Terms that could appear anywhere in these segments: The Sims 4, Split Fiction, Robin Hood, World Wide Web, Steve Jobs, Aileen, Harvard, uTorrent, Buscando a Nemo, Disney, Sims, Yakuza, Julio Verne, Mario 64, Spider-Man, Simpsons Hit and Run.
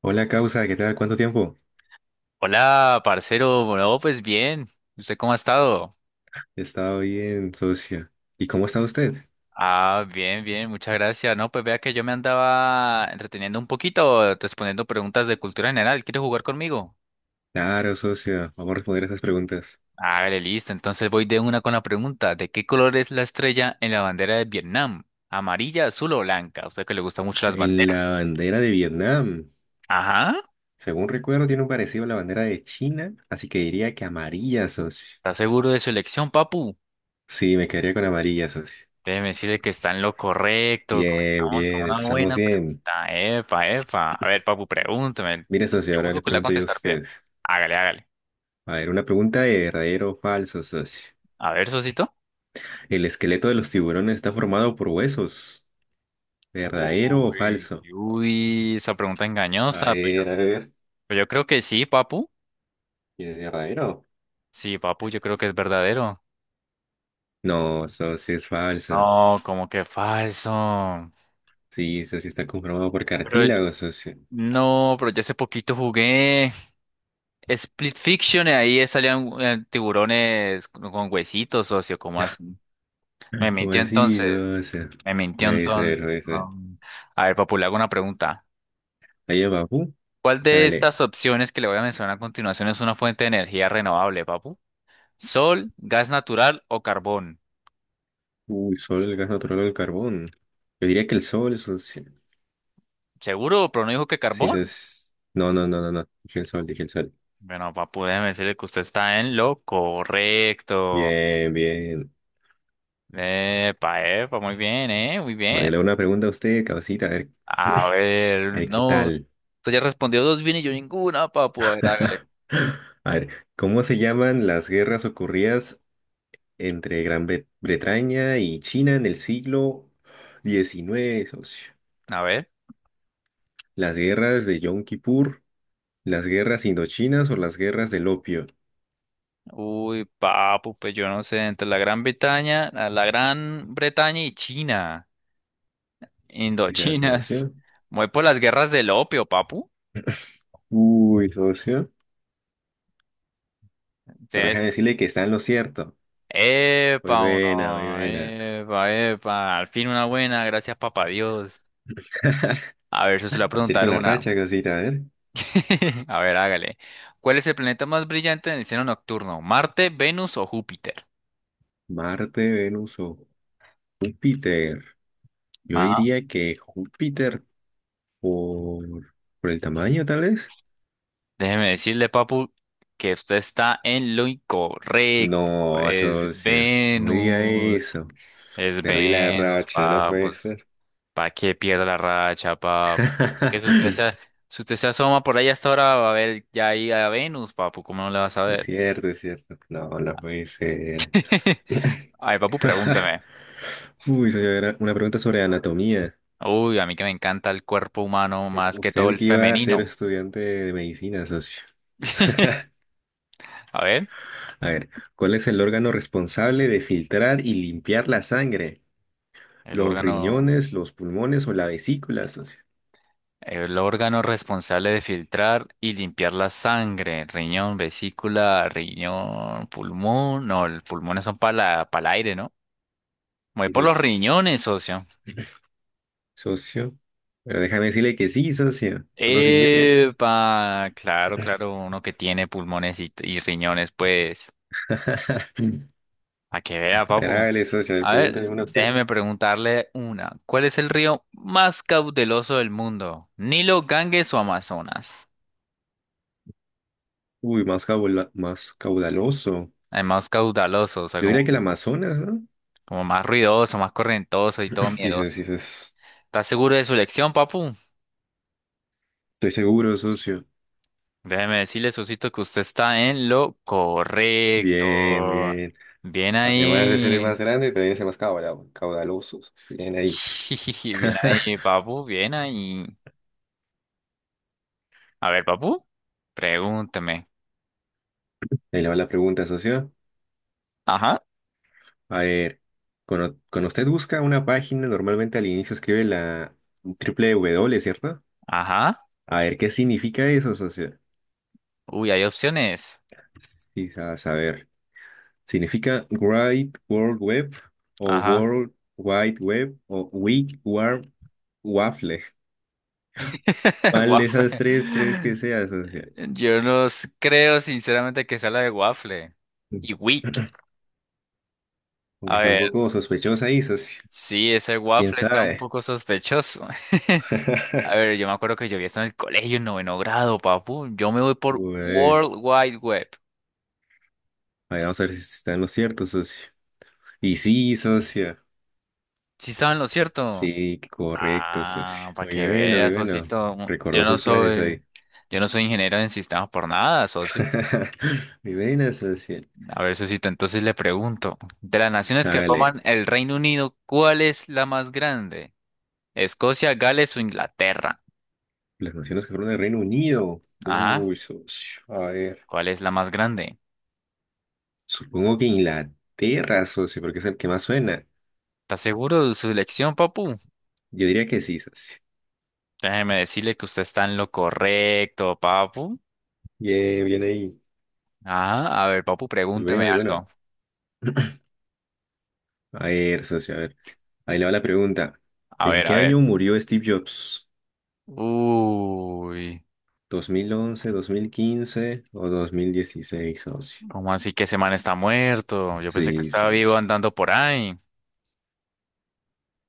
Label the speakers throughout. Speaker 1: Hola, causa, ¿qué tal? ¿Cuánto tiempo?
Speaker 2: Hola, parcero. Bueno, pues bien. ¿Usted cómo ha estado?
Speaker 1: He estado bien, socia. ¿Y cómo está usted?
Speaker 2: Ah, bien, bien, muchas gracias. No, pues vea que yo me andaba entreteniendo un poquito, respondiendo preguntas de cultura general. ¿Quieres jugar conmigo?
Speaker 1: Claro, socia, vamos a responder esas preguntas.
Speaker 2: Hágale, listo. Entonces voy de una con la pregunta. ¿De qué color es la estrella en la bandera de Vietnam? ¿Amarilla, azul o blanca? A usted que le gustan mucho las
Speaker 1: En la
Speaker 2: banderas.
Speaker 1: bandera de Vietnam,
Speaker 2: Ajá.
Speaker 1: según recuerdo, tiene un parecido a la bandera de China, así que diría que amarilla, socio.
Speaker 2: ¿Está seguro de su elección, papu?
Speaker 1: Sí, me quedaría con amarilla, socio.
Speaker 2: Déjeme decirle que está en lo correcto.
Speaker 1: Bien,
Speaker 2: Comenzamos con
Speaker 1: bien,
Speaker 2: una
Speaker 1: empezamos
Speaker 2: buena
Speaker 1: bien.
Speaker 2: pregunta. Epa, epa. A ver, papu, pregúntame.
Speaker 1: Mire, socio, ahora
Speaker 2: Seguro
Speaker 1: le
Speaker 2: que la va a
Speaker 1: pregunto yo a
Speaker 2: contestar bien.
Speaker 1: usted.
Speaker 2: Hágale, hágale.
Speaker 1: A ver, una pregunta de verdadero o falso, socio.
Speaker 2: A ver, Sosito.
Speaker 1: ¿El esqueleto de los tiburones está formado por huesos? ¿Verdadero o
Speaker 2: Uy,
Speaker 1: falso?
Speaker 2: uy, esa pregunta
Speaker 1: A
Speaker 2: engañosa.
Speaker 1: ver, a ver.
Speaker 2: Pues yo creo que sí, papu.
Speaker 1: ¿Es verdadero?
Speaker 2: Sí, papu, yo creo que es verdadero.
Speaker 1: No, socio, es falso.
Speaker 2: No, como que falso.
Speaker 1: Sí, socio, está conformado por
Speaker 2: Pero yo-
Speaker 1: cartílago, socio.
Speaker 2: no, pero yo hace poquito jugué Split Fiction y ahí salían tiburones con huesitos, socio. ¿Cómo así? Me
Speaker 1: ¿Cómo
Speaker 2: mintió
Speaker 1: así,
Speaker 2: entonces.
Speaker 1: socio?
Speaker 2: Me mintió
Speaker 1: Puede ser,
Speaker 2: entonces,
Speaker 1: puede ser.
Speaker 2: no. A ver, Papu, le hago una pregunta.
Speaker 1: Ahí abajo,
Speaker 2: ¿Cuál de
Speaker 1: dale.
Speaker 2: estas opciones que le voy a mencionar a continuación es una fuente de energía renovable, Papu? ¿Sol, gas natural o carbón?
Speaker 1: Uy, solo el gas natural o el carbón. Yo diría que el sol, socio.
Speaker 2: ¿Seguro? ¿Pero no dijo que
Speaker 1: Sí,
Speaker 2: carbón?
Speaker 1: es... No, no, no, no, no. Dije el sol, dije el sol.
Speaker 2: Bueno, Papu, déjeme decirle que usted está en lo correcto.
Speaker 1: Bien, bien.
Speaker 2: Epa, epa, muy bien, ¿eh? Muy
Speaker 1: Ahora
Speaker 2: bien.
Speaker 1: yo le hago una pregunta a usted, cabecita,
Speaker 2: A
Speaker 1: a
Speaker 2: ver,
Speaker 1: ver qué
Speaker 2: no,
Speaker 1: tal.
Speaker 2: usted ya respondió dos bien y yo ninguna, Papu. A ver, hágale.
Speaker 1: A ver, ¿cómo se llaman las guerras ocurridas entre Gran Bretaña y China en el siglo XIX, socio?
Speaker 2: A ver.
Speaker 1: Las guerras de Yom Kippur, las guerras indochinas o las guerras del opio.
Speaker 2: Uy, papu, pues yo no sé, entre la Gran Bretaña, la Gran Bretaña y China,
Speaker 1: Quizás,
Speaker 2: indochinas.
Speaker 1: socio.
Speaker 2: Voy por las guerras del opio, papu.
Speaker 1: Uy, socio. No dejan
Speaker 2: Entonces,
Speaker 1: decirle que está en lo cierto. Muy
Speaker 2: epa, o
Speaker 1: buena, muy
Speaker 2: no,
Speaker 1: buena.
Speaker 2: epa, epa, al fin una buena, gracias papá Dios. A ver, yo se le voy a
Speaker 1: Así
Speaker 2: preguntar
Speaker 1: con la
Speaker 2: una.
Speaker 1: racha, casita, a ver.
Speaker 2: A ver, hágale. ¿Cuál es el planeta más brillante en el cielo nocturno? ¿Marte, Venus o Júpiter?
Speaker 1: Marte, Venus o Júpiter. Yo
Speaker 2: Ajá.
Speaker 1: diría que Júpiter por, por el tamaño, tal vez.
Speaker 2: Déjeme decirle, papu, que usted está en lo incorrecto.
Speaker 1: No,
Speaker 2: Es
Speaker 1: socio. No diga
Speaker 2: Venus.
Speaker 1: eso.
Speaker 2: Es
Speaker 1: Perdí la
Speaker 2: Venus,
Speaker 1: racha, no puede
Speaker 2: papos.
Speaker 1: ser.
Speaker 2: ¿Para que pierda la racha, papo? Que si usted se, Si usted se asoma por ahí hasta ahora, va a ver ya ahí a Venus, papu. ¿Cómo no le vas a
Speaker 1: Es
Speaker 2: ver?
Speaker 1: cierto, es cierto. No, no puede ser.
Speaker 2: Ay, papu, pregúnteme.
Speaker 1: Uy, señora, una pregunta sobre anatomía.
Speaker 2: Uy, a mí que me encanta el cuerpo humano más que todo
Speaker 1: Usted
Speaker 2: el
Speaker 1: que iba a ser
Speaker 2: femenino.
Speaker 1: estudiante de medicina, socio.
Speaker 2: A ver,
Speaker 1: A ver, ¿cuál es el órgano responsable de filtrar y limpiar la sangre?
Speaker 2: el
Speaker 1: ¿Los
Speaker 2: órgano,
Speaker 1: riñones, los pulmones o la vesícula, socio?
Speaker 2: el órgano responsable de filtrar y limpiar la sangre, riñón, vesícula, riñón, pulmón. No, los pulmones son para el aire, ¿no? Voy
Speaker 1: Y
Speaker 2: por los
Speaker 1: es
Speaker 2: riñones, socio.
Speaker 1: socio. Pero déjame decirle que sí, socio. Son los riñones.
Speaker 2: Epa, claro, claro, uno que tiene pulmones y riñones, pues, a que
Speaker 1: A
Speaker 2: vea,
Speaker 1: ver,
Speaker 2: papu.
Speaker 1: hágale, socio, a ver,
Speaker 2: A ver,
Speaker 1: pregúnteme una a usted.
Speaker 2: déjeme preguntarle una. ¿Cuál es el río más caudaloso del mundo? ¿Nilo, Ganges o Amazonas?
Speaker 1: Uy, más más caudaloso.
Speaker 2: El más caudaloso, o sea,
Speaker 1: Yo
Speaker 2: como,
Speaker 1: diría que el Amazonas, ¿no?
Speaker 2: como más ruidoso, más correntoso y todo
Speaker 1: Dices,
Speaker 2: miedoso.
Speaker 1: dices,
Speaker 2: ¿Estás seguro de su elección, papu?
Speaker 1: estoy seguro, socio.
Speaker 2: Déjeme decirle, Susito, que usted está en lo correcto.
Speaker 1: Bien, bien.
Speaker 2: Bien
Speaker 1: Además de ser el más
Speaker 2: ahí.
Speaker 1: grande, también es el más caudaloso. Caudaloso, socio. Bien ahí.
Speaker 2: Bien ahí, papu, bien ahí. A ver, papu, pregúntame.
Speaker 1: Ahí le va la pregunta, socio.
Speaker 2: Ajá,
Speaker 1: A ver, cuando usted busca una página, normalmente al inicio escribe la triple W, ¿cierto?
Speaker 2: ajá.
Speaker 1: A ver, ¿qué significa eso, socio?
Speaker 2: Uy, hay opciones.
Speaker 1: Sí, a saber. Significa Great World Web o
Speaker 2: Ajá.
Speaker 1: World Wide Web o Wig Warm Waffle. ¿Cuál de
Speaker 2: Waffle.
Speaker 1: esas tres crees que sea, socio?
Speaker 2: Yo no s- Creo sinceramente que sea la de waffle.
Speaker 1: Mm.
Speaker 2: Y wick.
Speaker 1: Aunque
Speaker 2: A
Speaker 1: está un
Speaker 2: ver,
Speaker 1: poco sospechosa ahí, socio.
Speaker 2: sí, ese
Speaker 1: ¿Quién
Speaker 2: waffle está un
Speaker 1: sabe?
Speaker 2: poco sospechoso. A ver, yo me acuerdo que yo vi esto en el colegio en noveno grado, papu. Yo me voy por
Speaker 1: Ué,
Speaker 2: World Wide Web.
Speaker 1: a ver, vamos a ver si está en lo cierto, socio. Y sí, socio.
Speaker 2: Sí estaba en lo cierto.
Speaker 1: Sí, correcto, socio.
Speaker 2: Ah, para
Speaker 1: Muy
Speaker 2: que
Speaker 1: bueno, muy
Speaker 2: veas,
Speaker 1: bueno.
Speaker 2: socito. Yo
Speaker 1: Recordó
Speaker 2: no
Speaker 1: sus clases
Speaker 2: soy,
Speaker 1: ahí.
Speaker 2: yo no soy ingeniero en sistemas por nada, socio.
Speaker 1: Muy buena, socio.
Speaker 2: A ver, socito, entonces le pregunto, de las naciones que
Speaker 1: Hágale.
Speaker 2: forman el Reino Unido, ¿cuál es la más grande? ¿Escocia, Gales o Inglaterra?
Speaker 1: Las naciones que fueron del Reino Unido.
Speaker 2: Ajá,
Speaker 1: Uy, socio. A ver.
Speaker 2: ¿cuál es la más grande?
Speaker 1: Supongo que Inglaterra, socio, porque es el que más suena.
Speaker 2: ¿Está seguro de su elección, papu?
Speaker 1: Yo diría que sí, socio.
Speaker 2: Déjeme decirle que usted está en lo correcto, papu.
Speaker 1: Bien, bien ahí.
Speaker 2: Ajá, a ver, papu,
Speaker 1: Muy bueno,
Speaker 2: pregúnteme
Speaker 1: muy bueno.
Speaker 2: algo.
Speaker 1: A ver, socio, a ver. Ahí le va la pregunta.
Speaker 2: A
Speaker 1: ¿En
Speaker 2: ver,
Speaker 1: qué
Speaker 2: a
Speaker 1: año
Speaker 2: ver.
Speaker 1: murió Steve Jobs?
Speaker 2: Uy.
Speaker 1: ¿Dos mil once, dos mil quince o dos mil dieciséis, socio?
Speaker 2: ¿Cómo así que ese man está muerto? Yo pensé que
Speaker 1: Sí,
Speaker 2: estaba vivo
Speaker 1: socio.
Speaker 2: andando por ahí.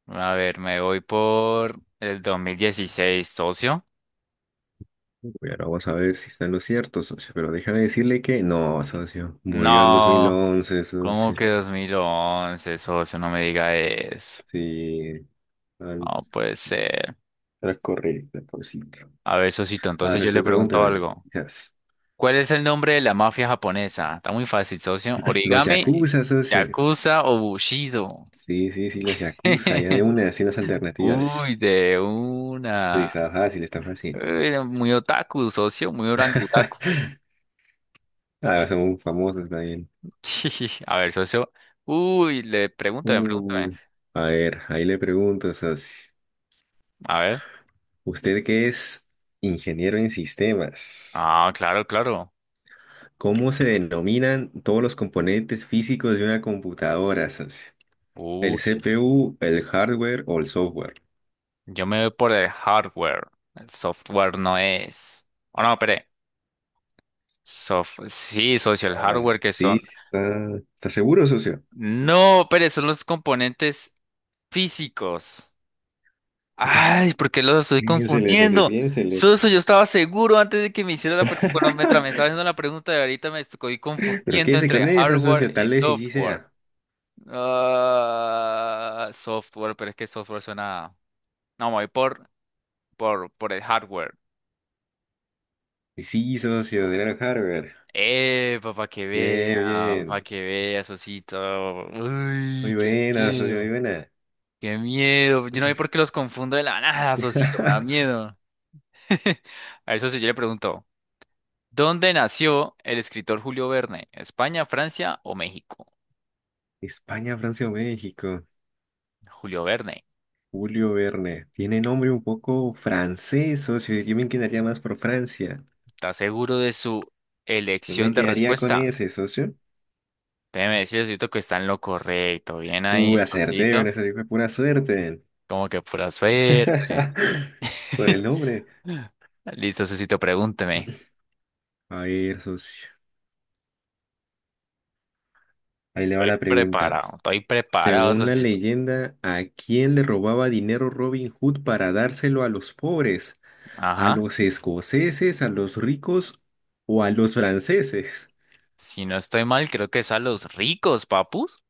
Speaker 2: A ver, me voy por el 2016, socio.
Speaker 1: Bueno, vamos a ver si está en lo cierto, socio. Pero déjame decirle que no, socio. Murió en dos mil
Speaker 2: No,
Speaker 1: once,
Speaker 2: ¿cómo
Speaker 1: socio.
Speaker 2: que 2011, socio? No me diga eso.
Speaker 1: Sí.
Speaker 2: No puede ser.
Speaker 1: Era correcto, cosito.
Speaker 2: A ver, socito, entonces
Speaker 1: Ahora
Speaker 2: yo le
Speaker 1: usted
Speaker 2: pregunto
Speaker 1: pregúnteme.
Speaker 2: algo.
Speaker 1: Yes.
Speaker 2: ¿Cuál es el nombre de la mafia japonesa? Está muy fácil, socio.
Speaker 1: Los
Speaker 2: ¿Origami,
Speaker 1: yakuza, socio.
Speaker 2: Yakuza o Bushido?
Speaker 1: Sí, sí, sí, los yakuza. Ya de una, así unas alternativas.
Speaker 2: Uy, de
Speaker 1: Sí,
Speaker 2: una.
Speaker 1: está fácil, está fácil.
Speaker 2: Uy, muy otaku, socio, muy orangutaku.
Speaker 1: Ah, son muy famosos también.
Speaker 2: A ver, socio. Uy, pregúntame.
Speaker 1: Uh, a ver, ahí le pregunto, socio.
Speaker 2: A ver.
Speaker 1: Usted que es ingeniero en sistemas,
Speaker 2: Ah, claro, claro.
Speaker 1: ¿cómo se denominan todos los componentes físicos de una computadora, socio? ¿El
Speaker 2: Uy,
Speaker 1: CPU, el hardware o el software?
Speaker 2: yo me voy por el hardware. El software no es. Oh, no, espere. Sí, socio, el
Speaker 1: Ah,
Speaker 2: hardware que
Speaker 1: sí,
Speaker 2: son.
Speaker 1: sí está, está seguro, socio.
Speaker 2: No, espere, son los componentes físicos. Ay, ¿por qué los estoy
Speaker 1: Piénsele, socio,
Speaker 2: confundiendo?
Speaker 1: piénsele.
Speaker 2: Socio, yo estaba seguro antes de que me hiciera la pregunta. Me estaba haciendo la pregunta de ahorita, me estoy
Speaker 1: Pero
Speaker 2: confundiendo
Speaker 1: quédese
Speaker 2: entre
Speaker 1: con esa, socio,
Speaker 2: hardware y
Speaker 1: tal vez y sí
Speaker 2: software.
Speaker 1: sea.
Speaker 2: Ah, software, pero es que software suena. No, me voy por el hardware.
Speaker 1: Y sí, socio, de Harvard. Harvard. Bien,
Speaker 2: Para
Speaker 1: bien.
Speaker 2: que vea, Sosito. Uy,
Speaker 1: Muy
Speaker 2: qué
Speaker 1: buena, socio, muy
Speaker 2: miedo,
Speaker 1: buena.
Speaker 2: qué miedo. Yo no sé por qué los confundo de la nada, Sosito, me da miedo. A ver, socio, yo le pregunto: ¿Dónde nació el escritor Julio Verne? ¿España, Francia o México?
Speaker 1: España, Francia o México.
Speaker 2: Julio Verne,
Speaker 1: Julio Verne. Tiene nombre un poco francés, socio. Yo me quedaría más por Francia.
Speaker 2: ¿estás seguro de su
Speaker 1: Yo me
Speaker 2: elección de
Speaker 1: quedaría con
Speaker 2: respuesta?
Speaker 1: ese, socio.
Speaker 2: Déjeme decir, Sotito, que está en lo correcto. Bien ahí,
Speaker 1: Acerté, bueno,
Speaker 2: Sotito.
Speaker 1: esa sí fue pura suerte.
Speaker 2: Como que pura suerte.
Speaker 1: Por el nombre.
Speaker 2: Listo, Sosito, pregúnteme.
Speaker 1: A ver, socio. Ahí le va la pregunta.
Speaker 2: Estoy preparado,
Speaker 1: Según la
Speaker 2: Sosito.
Speaker 1: leyenda, ¿a quién le robaba dinero Robin Hood para dárselo a los pobres? ¿A
Speaker 2: Ajá.
Speaker 1: los escoceses, a los ricos o a los franceses?
Speaker 2: Si no estoy mal, creo que es a los ricos, papus.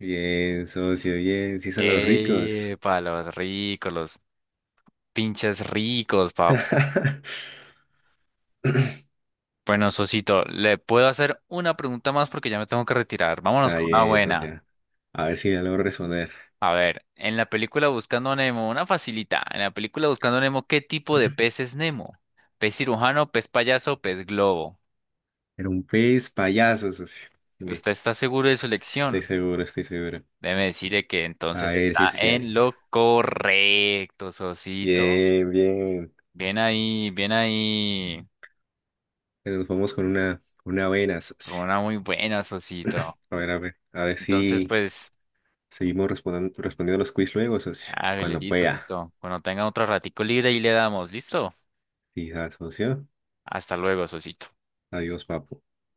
Speaker 1: Bien, socio, bien, sí son los ricos.
Speaker 2: Para los ricos, los pinches ricos, papu. Bueno, Sosito, le puedo hacer una pregunta más porque ya me tengo que retirar. Vámonos
Speaker 1: Está
Speaker 2: con una
Speaker 1: bien,
Speaker 2: buena.
Speaker 1: socio. A ver si me logro responder.
Speaker 2: A ver, en la película Buscando a Nemo, una facilita. En la película Buscando a Nemo, ¿qué tipo de pez es Nemo? ¿Pez cirujano, pez payaso, pez globo?
Speaker 1: Era un pez payaso, socio. Dime.
Speaker 2: ¿Usted está seguro de su
Speaker 1: Estoy
Speaker 2: elección?
Speaker 1: seguro, estoy seguro.
Speaker 2: Déjeme decirle que
Speaker 1: A
Speaker 2: entonces
Speaker 1: ver
Speaker 2: está
Speaker 1: si es
Speaker 2: en
Speaker 1: cierto.
Speaker 2: lo correcto, Sosito.
Speaker 1: Bien, bien.
Speaker 2: Bien ahí, bien ahí.
Speaker 1: Nos vamos con una buena,
Speaker 2: Con
Speaker 1: socio.
Speaker 2: una muy buena, Sosito.
Speaker 1: A ver, a ver, a ver
Speaker 2: Entonces,
Speaker 1: si
Speaker 2: pues,
Speaker 1: respondiendo los quiz luego, socio.
Speaker 2: hágale,
Speaker 1: Cuando
Speaker 2: listo,
Speaker 1: pueda.
Speaker 2: Sosito. Cuando tenga otro ratico libre, ahí le damos, ¿listo?
Speaker 1: Fija, socio.
Speaker 2: Hasta luego, Sosito.
Speaker 1: Adiós, papu.